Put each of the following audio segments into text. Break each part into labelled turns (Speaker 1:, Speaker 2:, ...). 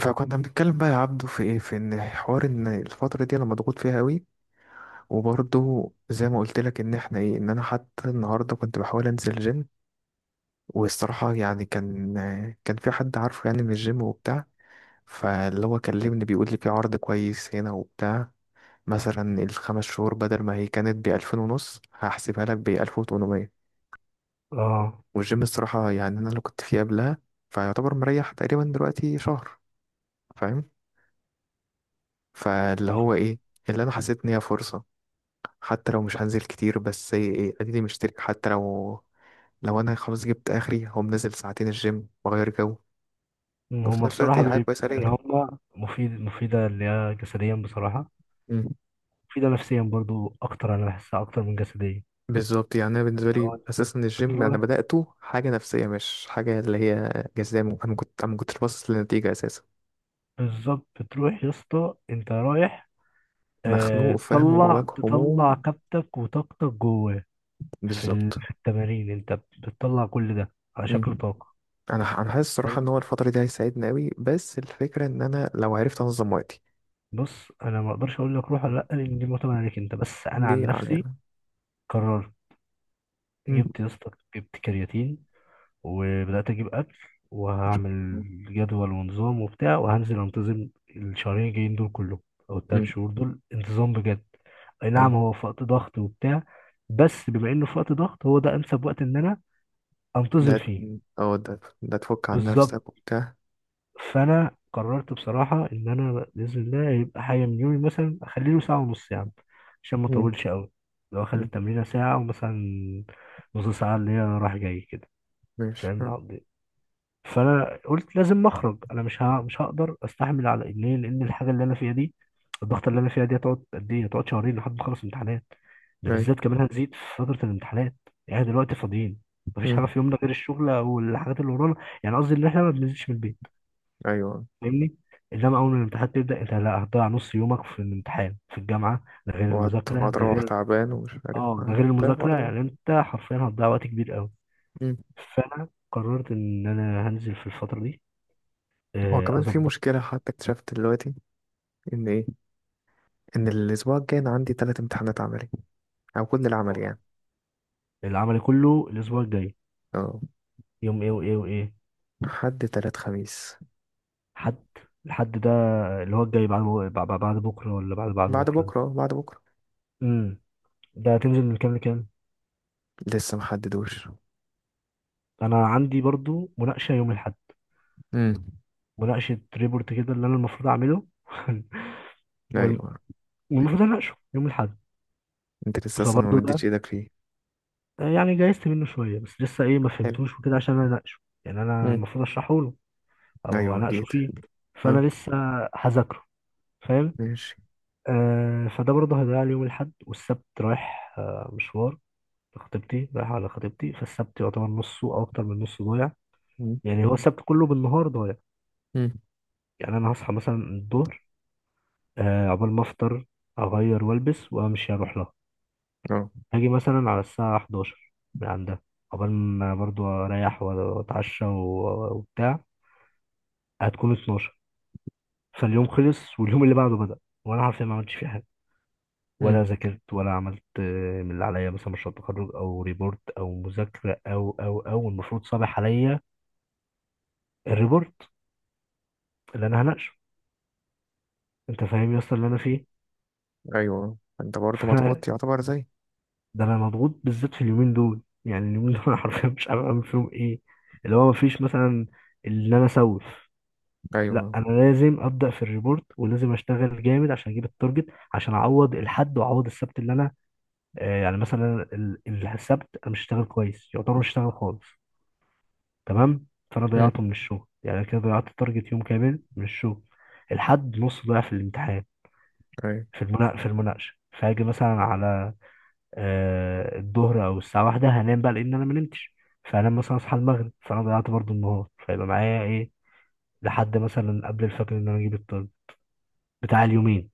Speaker 1: فكنا بنتكلم بقى يا عبدو، في ان حوار ان الفتره دي انا مضغوط فيها قوي. وبرضه زي ما قلت لك ان احنا ايه ان انا حتى النهارده كنت بحاول انزل جيم. والصراحه يعني كان في حد عارفه يعني من الجيم وبتاع. فاللي هو كلمني بيقول لي في عرض كويس هنا وبتاع. مثلا الـ5 شهور بدل ما هي كانت بـ2500 هحسبها لك بـ1800.
Speaker 2: اه،
Speaker 1: والجيم الصراحه يعني انا اللي كنت فيه قبلها فيعتبر مريح. تقريبا دلوقتي شهر، فاهم؟ فاللي هو ايه، اللي انا حسيت ان هي فرصه. حتى لو مش هنزل كتير، بس ايه، اديني مشترك حتى لو. لو انا خلاص جبت اخري هقوم نازل 2 ساعة الجيم واغير جو. وفي
Speaker 2: هما
Speaker 1: نفس الوقت
Speaker 2: بصراحة
Speaker 1: هي حاجه كويسه
Speaker 2: يعني
Speaker 1: ليا.
Speaker 2: هما مفيدة اللي هي جسديا بصراحة.
Speaker 1: مم.
Speaker 2: مفيدة نفسيا برضو أكتر، أنا بحسها أكتر من جسديا.
Speaker 1: بالظبط، يعني انا بالنسبه لي
Speaker 2: لو أنت
Speaker 1: اساسا الجيم انا
Speaker 2: بتروح
Speaker 1: بداته حاجه نفسيه مش حاجه اللي هي جزاء. انا ما كنتش باصص للنتيجه اساسا.
Speaker 2: بالظبط، بتروح يا اسطى أنت رايح.
Speaker 1: مخنوق، فاهم،
Speaker 2: تطلع
Speaker 1: جواك
Speaker 2: تطلع
Speaker 1: هموم.
Speaker 2: كبتك وطاقتك جواه.
Speaker 1: بالظبط.
Speaker 2: في التمارين أنت بتطلع كل ده على
Speaker 1: مم.
Speaker 2: شكل طاقة.
Speaker 1: انا حاسس الصراحه
Speaker 2: فأنت-
Speaker 1: ان هو الفتره دي هيساعدني قوي، بس الفكره ان انا لو عرفت انظم وقتي.
Speaker 2: بص، أنا ما أقدرش أقول لك روح ولا لأ، لأن دي معتمدة عليك أنت، بس أنا
Speaker 1: دي
Speaker 2: عن نفسي
Speaker 1: علينا.
Speaker 2: قررت.
Speaker 1: مم.
Speaker 2: جبت يا اسطى، جبت كرياتين، وبدأت أجيب أكل، وهعمل جدول ونظام وبتاع، وهنزل أنتظم الشهرين الجايين دول كلهم، أو التلات
Speaker 1: مم.
Speaker 2: شهور دول انتظام بجد. أي
Speaker 1: أيوة.
Speaker 2: نعم، هو في وقت ضغط وبتاع، بس بما إنه في وقت ضغط، هو ده أنسب وقت إن أنا
Speaker 1: ده
Speaker 2: أنتظم فيه،
Speaker 1: اه ده تفك عن
Speaker 2: بالظبط.
Speaker 1: نفسك وبتاع.
Speaker 2: فأنا قررت بصراحة إن أنا بإذن الله يبقى حاجة من يومي، مثلا أخلي له ساعة ونص يعني، عشان ما
Speaker 1: مم.
Speaker 2: أطولش أوي. لو أخلي
Speaker 1: مم.
Speaker 2: التمرينة ساعة، ومثلا نص ساعة اللي هي رايح جاي كده،
Speaker 1: ماشي. مم.
Speaker 2: فاهم. فانا قلت لازم اخرج، انا مش هقدر استحمل على إيه. ليه؟ لان الحاجه اللي انا فيها دي، الضغط اللي انا فيها دي هتقعد قد ايه؟ هتقعد شهرين لحد ما اخلص امتحانات، ده
Speaker 1: أيوة.
Speaker 2: بالذات كمان هنزيد في فتره الامتحانات. يعني دلوقتي فاضيين، مفيش حاجه
Speaker 1: مم.
Speaker 2: في يومنا غير الشغل والحاجات اللي ورانا، يعني قصدي ان احنا ما بننزلش من البيت،
Speaker 1: أيوة.
Speaker 2: فاهمني. انما اول ما الامتحانات تبدا انت، لا، هتضيع نص يومك في الامتحان في الجامعه، ده غير
Speaker 1: وهت...
Speaker 2: المذاكره،
Speaker 1: وهتروح تعبان ومش عارف.
Speaker 2: ده غير
Speaker 1: ده
Speaker 2: المذاكره،
Speaker 1: برضه.
Speaker 2: يعني انت حرفيا هتضيع وقت كبير قوي.
Speaker 1: مم.
Speaker 2: فانا قررت ان انا هنزل في الفتره دي،
Speaker 1: هو كمان في
Speaker 2: اظبط.
Speaker 1: مشكلة حتى اكتشفت دلوقتي، إن إيه، إن الأسبوع الجاي أنا عندي 3 امتحانات عملي، أو كل العمل يعني.
Speaker 2: العمل كله الاسبوع الجاي،
Speaker 1: اه.
Speaker 2: يوم ايه وايه وايه؟
Speaker 1: حد، تلات، خميس.
Speaker 2: حد الحد ده اللي هو الجاي بعد بعد بعد بكره ولا بعد بعد
Speaker 1: بعد
Speaker 2: بكره ده؟
Speaker 1: بكرة، آه، بعد بكرة.
Speaker 2: امم ده هتنزل من كام لكام؟
Speaker 1: لسه محددوش.
Speaker 2: انا عندي برضو مناقشه يوم الاحد،
Speaker 1: مم.
Speaker 2: مناقشه ريبورت كده اللي انا المفروض اعمله وال-
Speaker 1: أيوة.
Speaker 2: والمفروض اناقشه يوم الاحد.
Speaker 1: أنت لسه أصلا ما
Speaker 2: فبرضه ده
Speaker 1: مدتش إيدك فيه.
Speaker 2: يعني جايزت منه شويه، بس لسه ايه، ما
Speaker 1: حلو.
Speaker 2: فهمتوش وكده، عشان انا اناقشه، يعني انا
Speaker 1: مم.
Speaker 2: المفروض اشرحه له او
Speaker 1: أيوة
Speaker 2: اناقشه
Speaker 1: أكيد.
Speaker 2: فيه، فانا
Speaker 1: اه.
Speaker 2: لسه هذاكره، فاهم.
Speaker 1: ماشي.
Speaker 2: فده برضه هيضيع لي يوم الأحد، والسبت رايح مشوار لخطيبتي، رايح على خطيبتي، فالسبت يعتبر نصه أو أكتر من نصه ضايع،
Speaker 1: مم.
Speaker 2: يعني هو السبت كله بالنهار ضايع.
Speaker 1: مم.
Speaker 2: يعني أنا هصحى مثلا الظهر، عقبال ما أفطر، أغير وألبس وأمشي أروح لها،
Speaker 1: اه.
Speaker 2: هاجي مثلا على الساعة 11 من عندها، عقبال ما برضه أريح وأتعشى وبتاع، هتكون 12، فاليوم خلص واليوم اللي بعده بدأ، وأنا عارف إني ما عملتش فيه حاجة، ولا ذاكرت ولا عملت، من اللي عليا مثلا مشروع تخرج، او ريبورت، او مذاكره، او المفروض صابح عليا الريبورت اللي انا هناقشه. انت فاهم يا اسطى اللي انا فيه؟
Speaker 1: ايوه، انت برضه
Speaker 2: فانا
Speaker 1: مضغوط يعتبر زي.
Speaker 2: ده انا مضغوط بالذات في اليومين دول، يعني اليومين دول انا حرفيا مش عارف اعمل فيهم ايه. اللي هو مفيش مثلا ان انا اسوف، لا،
Speaker 1: ايوه.
Speaker 2: انا لازم ابدا في الريبورت ولازم اشتغل جامد عشان اجيب التارجت، عشان اعوض الحد واعوض السبت اللي انا، يعني مثلا السبت انا مش هشتغل كويس، يعتبر مش هشتغل خالص، تمام. فانا
Speaker 1: امم.
Speaker 2: ضيعته من الشغل، يعني كده ضيعت تارجت يوم كامل من الشغل. الحد نص ضيع في الامتحان،
Speaker 1: ايوه.
Speaker 2: في المناقشه، فاجي مثلا على الظهر او الساعه واحدة، هنام بقى لان انا ما نمتش، فانام مثلا اصحى المغرب، فانا ضيعت برضو النهار، فيبقى معايا ايه لحد مثلا قبل الفجر ان انا اجيب الطالب بتاع اليومين،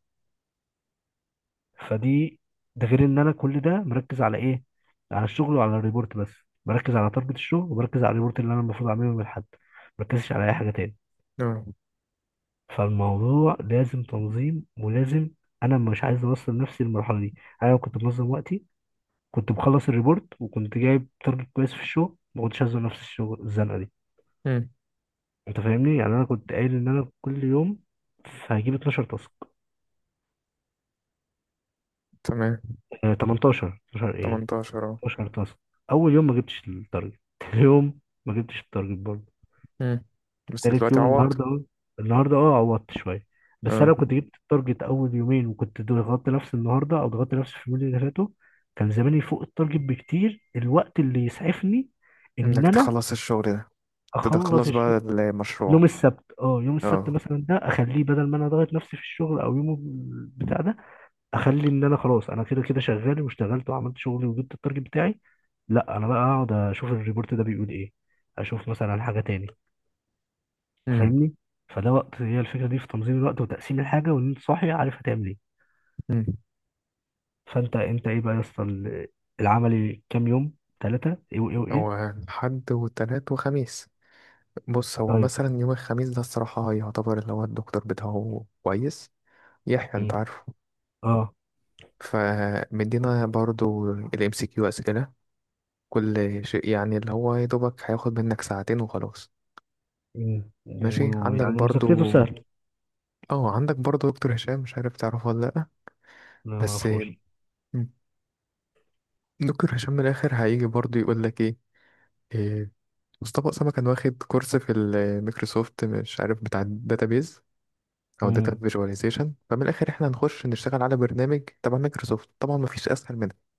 Speaker 2: فدي. ده غير ان انا كل ده مركز على ايه، على الشغل وعلى الريبورت، بس بركز على تارجت الشغل وبركز على الريبورت اللي انا المفروض اعمله من الحد، مركزش على اي حاجه تاني.
Speaker 1: اه.
Speaker 2: فالموضوع لازم تنظيم، ولازم، انا مش عايز اوصل نفسي للمرحله دي. انا لو كنت منظم وقتي كنت مخلص الريبورت، وكنت جايب تارجت كويس في الشغل، ما كنتش هزنق نفس الشغل الزنقه دي.
Speaker 1: امم.
Speaker 2: انت فاهمني؟ يعني انا كنت قايل ان انا كل يوم هجيب 12 تاسك،
Speaker 1: تمام.
Speaker 2: 18، 12، ايه،
Speaker 1: 18. اه.
Speaker 2: 12 تاسك. اول يوم ما جبتش التارجت، تاني يوم ما جبتش التارجت برضه،
Speaker 1: امم. بس
Speaker 2: تالت
Speaker 1: دلوقتي
Speaker 2: يوم
Speaker 1: عوضت.
Speaker 2: النهارده، النهارده عوضت شويه. بس انا
Speaker 1: اه.
Speaker 2: لو كنت جبت التارجت اول يومين، وكنت ضغطت نفسي النهارده او ضغطت نفسي في اليومين اللي فاتوا، كان زماني فوق التارجت بكتير، الوقت اللي يسعفني ان
Speaker 1: انك
Speaker 2: انا
Speaker 1: تخلص الشغل. ده
Speaker 2: اخلص
Speaker 1: تخلص بقى
Speaker 2: الشغل. يوم
Speaker 1: المشروع.
Speaker 2: السبت، يوم السبت
Speaker 1: اه.
Speaker 2: مثلا ده اخليه، بدل ما انا ضغط نفسي في الشغل او يوم بتاع ده، اخلي ان انا خلاص، انا كده كده شغال واشتغلت وعملت شغلي وجبت التارجت بتاعي، لا، انا بقى اقعد اشوف الريبورت ده بيقول ايه، اشوف مثلا حاجه تاني،
Speaker 1: امم.
Speaker 2: فاهمني. فده وقت، هي الفكره دي في تنظيم الوقت وتقسيم الحاجه، وان انت صاحي عارف هتعمل ايه.
Speaker 1: امم.
Speaker 2: فانت ايه بقى يا اسطى، العملي كام يوم؟ ثلاثه، ايه وايه وايه؟
Speaker 1: هو الحد والتلات وخميس. بص، هو
Speaker 2: طيب.
Speaker 1: مثلا يوم الخميس ده الصراحة يعتبر اللي هو الدكتور بتاعه كويس، يحيى،
Speaker 2: امم.
Speaker 1: انت عارفه.
Speaker 2: اه.
Speaker 1: فمدينا برضو الام سي كيو، اسئلة، كل شيء يعني. اللي هو يا دوبك هياخد منك 2 ساعة وخلاص.
Speaker 2: امم.
Speaker 1: ماشي. عندك
Speaker 2: ويعني
Speaker 1: برضو،
Speaker 2: مذاكرته سهل؟
Speaker 1: اه، عندك برضو دكتور هشام، مش عارف تعرفه ولا لأ،
Speaker 2: لا، ما
Speaker 1: بس
Speaker 2: اعرفوش.
Speaker 1: دكتور هشام من الآخر هيجي برضو يقول لك إيه، مصطفى أسامة كان واخد كورس في الميكروسوفت، مش عارف بتاع الداتابيز أو داتا
Speaker 2: امم
Speaker 1: فيجواليزيشن. فمن الآخر إحنا هنخش نشتغل على برنامج تبع ميكروسوفت، طبعا مفيش أسهل منها.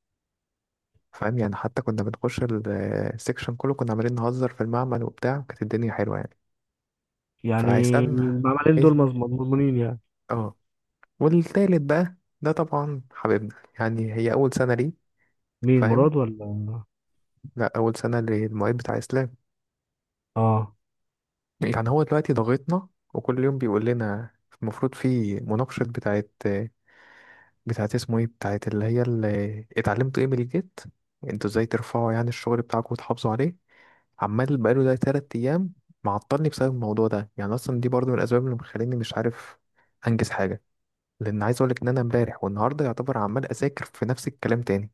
Speaker 1: فاهم يعني؟ حتى كنا بنخش السكشن كله كنا عمالين نهزر في المعمل وبتاع، وكانت الدنيا حلوة يعني.
Speaker 2: يعني
Speaker 1: فهيسألنا.
Speaker 2: المعملين
Speaker 1: عايز.
Speaker 2: دول مضمونين يعني؟
Speaker 1: اه. والتالت بقى، ده طبعا حبيبنا، يعني هي أول سنة ليه.
Speaker 2: مين،
Speaker 1: فاهم؟
Speaker 2: مراد ولا؟
Speaker 1: لا، أول سنة للمعيد بتاع إسلام.
Speaker 2: اه.
Speaker 1: يعني هو دلوقتي ضاغطنا، وكل يوم بيقول لنا المفروض في مناقشة بتاعت اسمه ايه، بتاعت اللي هي اللي اتعلمتوا ايه من الجيت، انتوا ازاي ترفعوا يعني الشغل بتاعكم وتحافظوا عليه. عمال بقاله ده 3 أيام معطلني بسبب الموضوع ده. يعني أصلا دي برضو من الأسباب اللي مخليني مش عارف أنجز حاجة، لأن عايز أقولك إن أنا امبارح والنهاردة يعتبر عمال أذاكر في نفس الكلام تاني.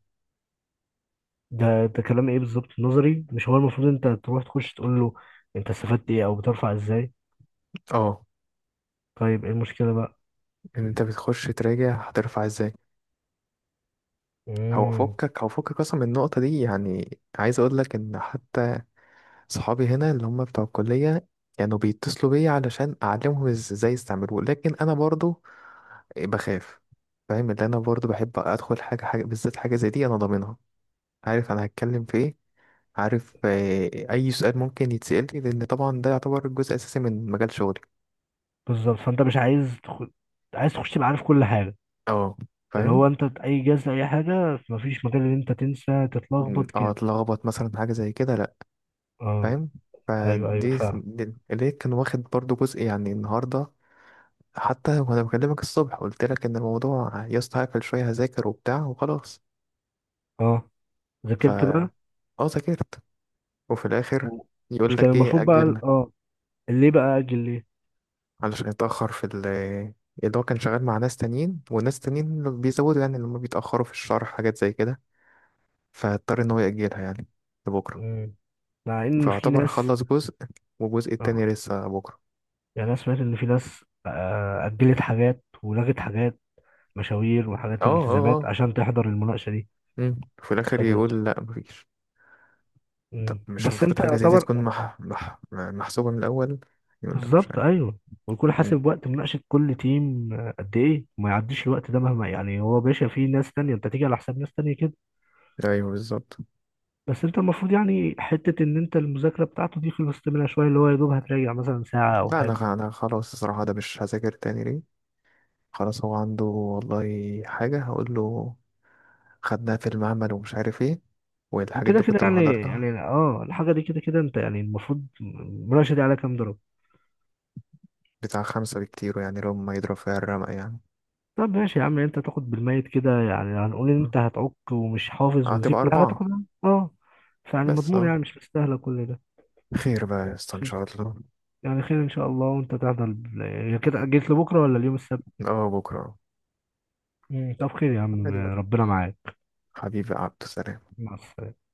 Speaker 2: ده كلام ايه بالظبط؟ نظري، مش هو المفروض انت تروح تخش تقول له انت استفدت ايه او بترفع ازاي؟
Speaker 1: اه.
Speaker 2: طيب، ايه المشكله بقى؟
Speaker 1: ان انت بتخش تراجع هترفع ازاي. هو
Speaker 2: امم.
Speaker 1: فكك هو فكك اصلا من النقطه دي. يعني عايز اقول لك ان حتى صحابي هنا اللي هم بتوع الكليه كانوا يعني بيتصلوا بيا علشان اعلمهم ازاي يستعملوه. لكن انا برضو بخاف، فاهم؟ اللي انا برضو بحب ادخل حاجه حاجه بالذات، حاجه زي دي انا ضامنها، عارف انا هتكلم في ايه، عارف آه، اي سؤال ممكن يتسال لي، لان طبعا ده يعتبر جزء اساسي من مجال شغلي.
Speaker 2: بالظبط، فانت مش عايز تخش تبقى عارف كل حاجه،
Speaker 1: اه.
Speaker 2: اللي
Speaker 1: فاهم.
Speaker 2: هو انت اي جهاز اي حاجه مفيش مجال ان انت تنسى
Speaker 1: م،
Speaker 2: تتلخبط
Speaker 1: اه
Speaker 2: كده.
Speaker 1: اتلخبط مثلا في حاجه زي كده.
Speaker 2: اه.
Speaker 1: فاهم.
Speaker 2: ايوه ايوه، فعلا.
Speaker 1: ليه كان واخد برضو جزء يعني النهارده. حتى وانا بكلمك الصبح قلت لك ان الموضوع يا اسطى هقفل شويه هذاكر وبتاع وخلاص.
Speaker 2: اه،
Speaker 1: ف
Speaker 2: ذاكرت بقى؟
Speaker 1: ذاكرت. وفي الاخر
Speaker 2: و- مش
Speaker 1: يقول
Speaker 2: كان
Speaker 1: لك ايه،
Speaker 2: المفروض بقى،
Speaker 1: اجل.
Speaker 2: ليه بقى اجل ليه؟
Speaker 1: علشان يتاخر في ال، اللي هو كان شغال مع ناس تانيين، وناس تانيين بيزودوا يعني، لما بيتاخروا في الشرح حاجات زي كده، فاضطر ان هو ياجلها يعني لبكره.
Speaker 2: مم. مع ان في
Speaker 1: فاعتبر
Speaker 2: ناس.
Speaker 1: خلص جزء، والجزء
Speaker 2: اه
Speaker 1: التاني لسه بكره.
Speaker 2: يعني انا سمعت ان في ناس اجلت حاجات ولغت حاجات، مشاوير
Speaker 1: اه،
Speaker 2: وحاجات
Speaker 1: اه،
Speaker 2: الالتزامات
Speaker 1: اه.
Speaker 2: عشان تحضر المناقشه دي،
Speaker 1: مم. في الاخر
Speaker 2: فده.
Speaker 1: يقول لا، مفيش. طب
Speaker 2: مم.
Speaker 1: مش
Speaker 2: بس
Speaker 1: المفروض
Speaker 2: انت
Speaker 1: حاجة زي دي
Speaker 2: طبعا.
Speaker 1: تكون محسوبة من الأول؟ يقول لك مش
Speaker 2: بالظبط،
Speaker 1: عارف.
Speaker 2: ايوه. ويكون
Speaker 1: مم.
Speaker 2: حاسب وقت مناقشه كل تيم، قد ايه ما يعديش الوقت ده مهما، يعني هو باشا في ناس تانية، انت تيجي على حساب ناس تانية كده.
Speaker 1: أيوه بالظبط.
Speaker 2: بس انت المفروض، يعني حته ان انت المذاكره بتاعته دي خلصت منها شويه، اللي هو يا دوب هتراجع مثلا ساعه او
Speaker 1: لا، أنا
Speaker 2: حاجه.
Speaker 1: خ- أنا خلاص الصراحة ده مش هذاكر تاني، ليه؟ خلاص، هو عنده والله حاجة هقول له خدناها في المعمل ومش عارف ايه، والحاجات
Speaker 2: وكده
Speaker 1: دي
Speaker 2: كده،
Speaker 1: كنت
Speaker 2: يعني
Speaker 1: محضرتها.
Speaker 2: يعني الحاجه دي كده كده، انت يعني المفروض المناقشه دي على كام درجه؟
Speaker 1: بتاع خمسة بكتير، يعني لو ما يضرب فيها الرمق يعني.
Speaker 2: طب ماشي يا عم، انت تاخد بالميت كده، يعني هنقول ان
Speaker 1: مم.
Speaker 2: انت هتعك ومش حافظ ونسيت
Speaker 1: هتبقى
Speaker 2: كل حاجه،
Speaker 1: أربعة.
Speaker 2: تاخدها اه. فيعني
Speaker 1: بس
Speaker 2: مضمون؟
Speaker 1: اه،
Speaker 2: يعني مش مستاهله كل ده.
Speaker 1: خير بقى يا اسطى إن شاء الله.
Speaker 2: يعني خير ان شاء الله، وانت تحضر كده، جيت لبكره ولا اليوم السبت؟
Speaker 1: اه، بكرة.
Speaker 2: مم. طب خير يا عم،
Speaker 1: عادي بقى.
Speaker 2: ربنا معاك.
Speaker 1: حبيبي عبد السلام.
Speaker 2: مع السلامه.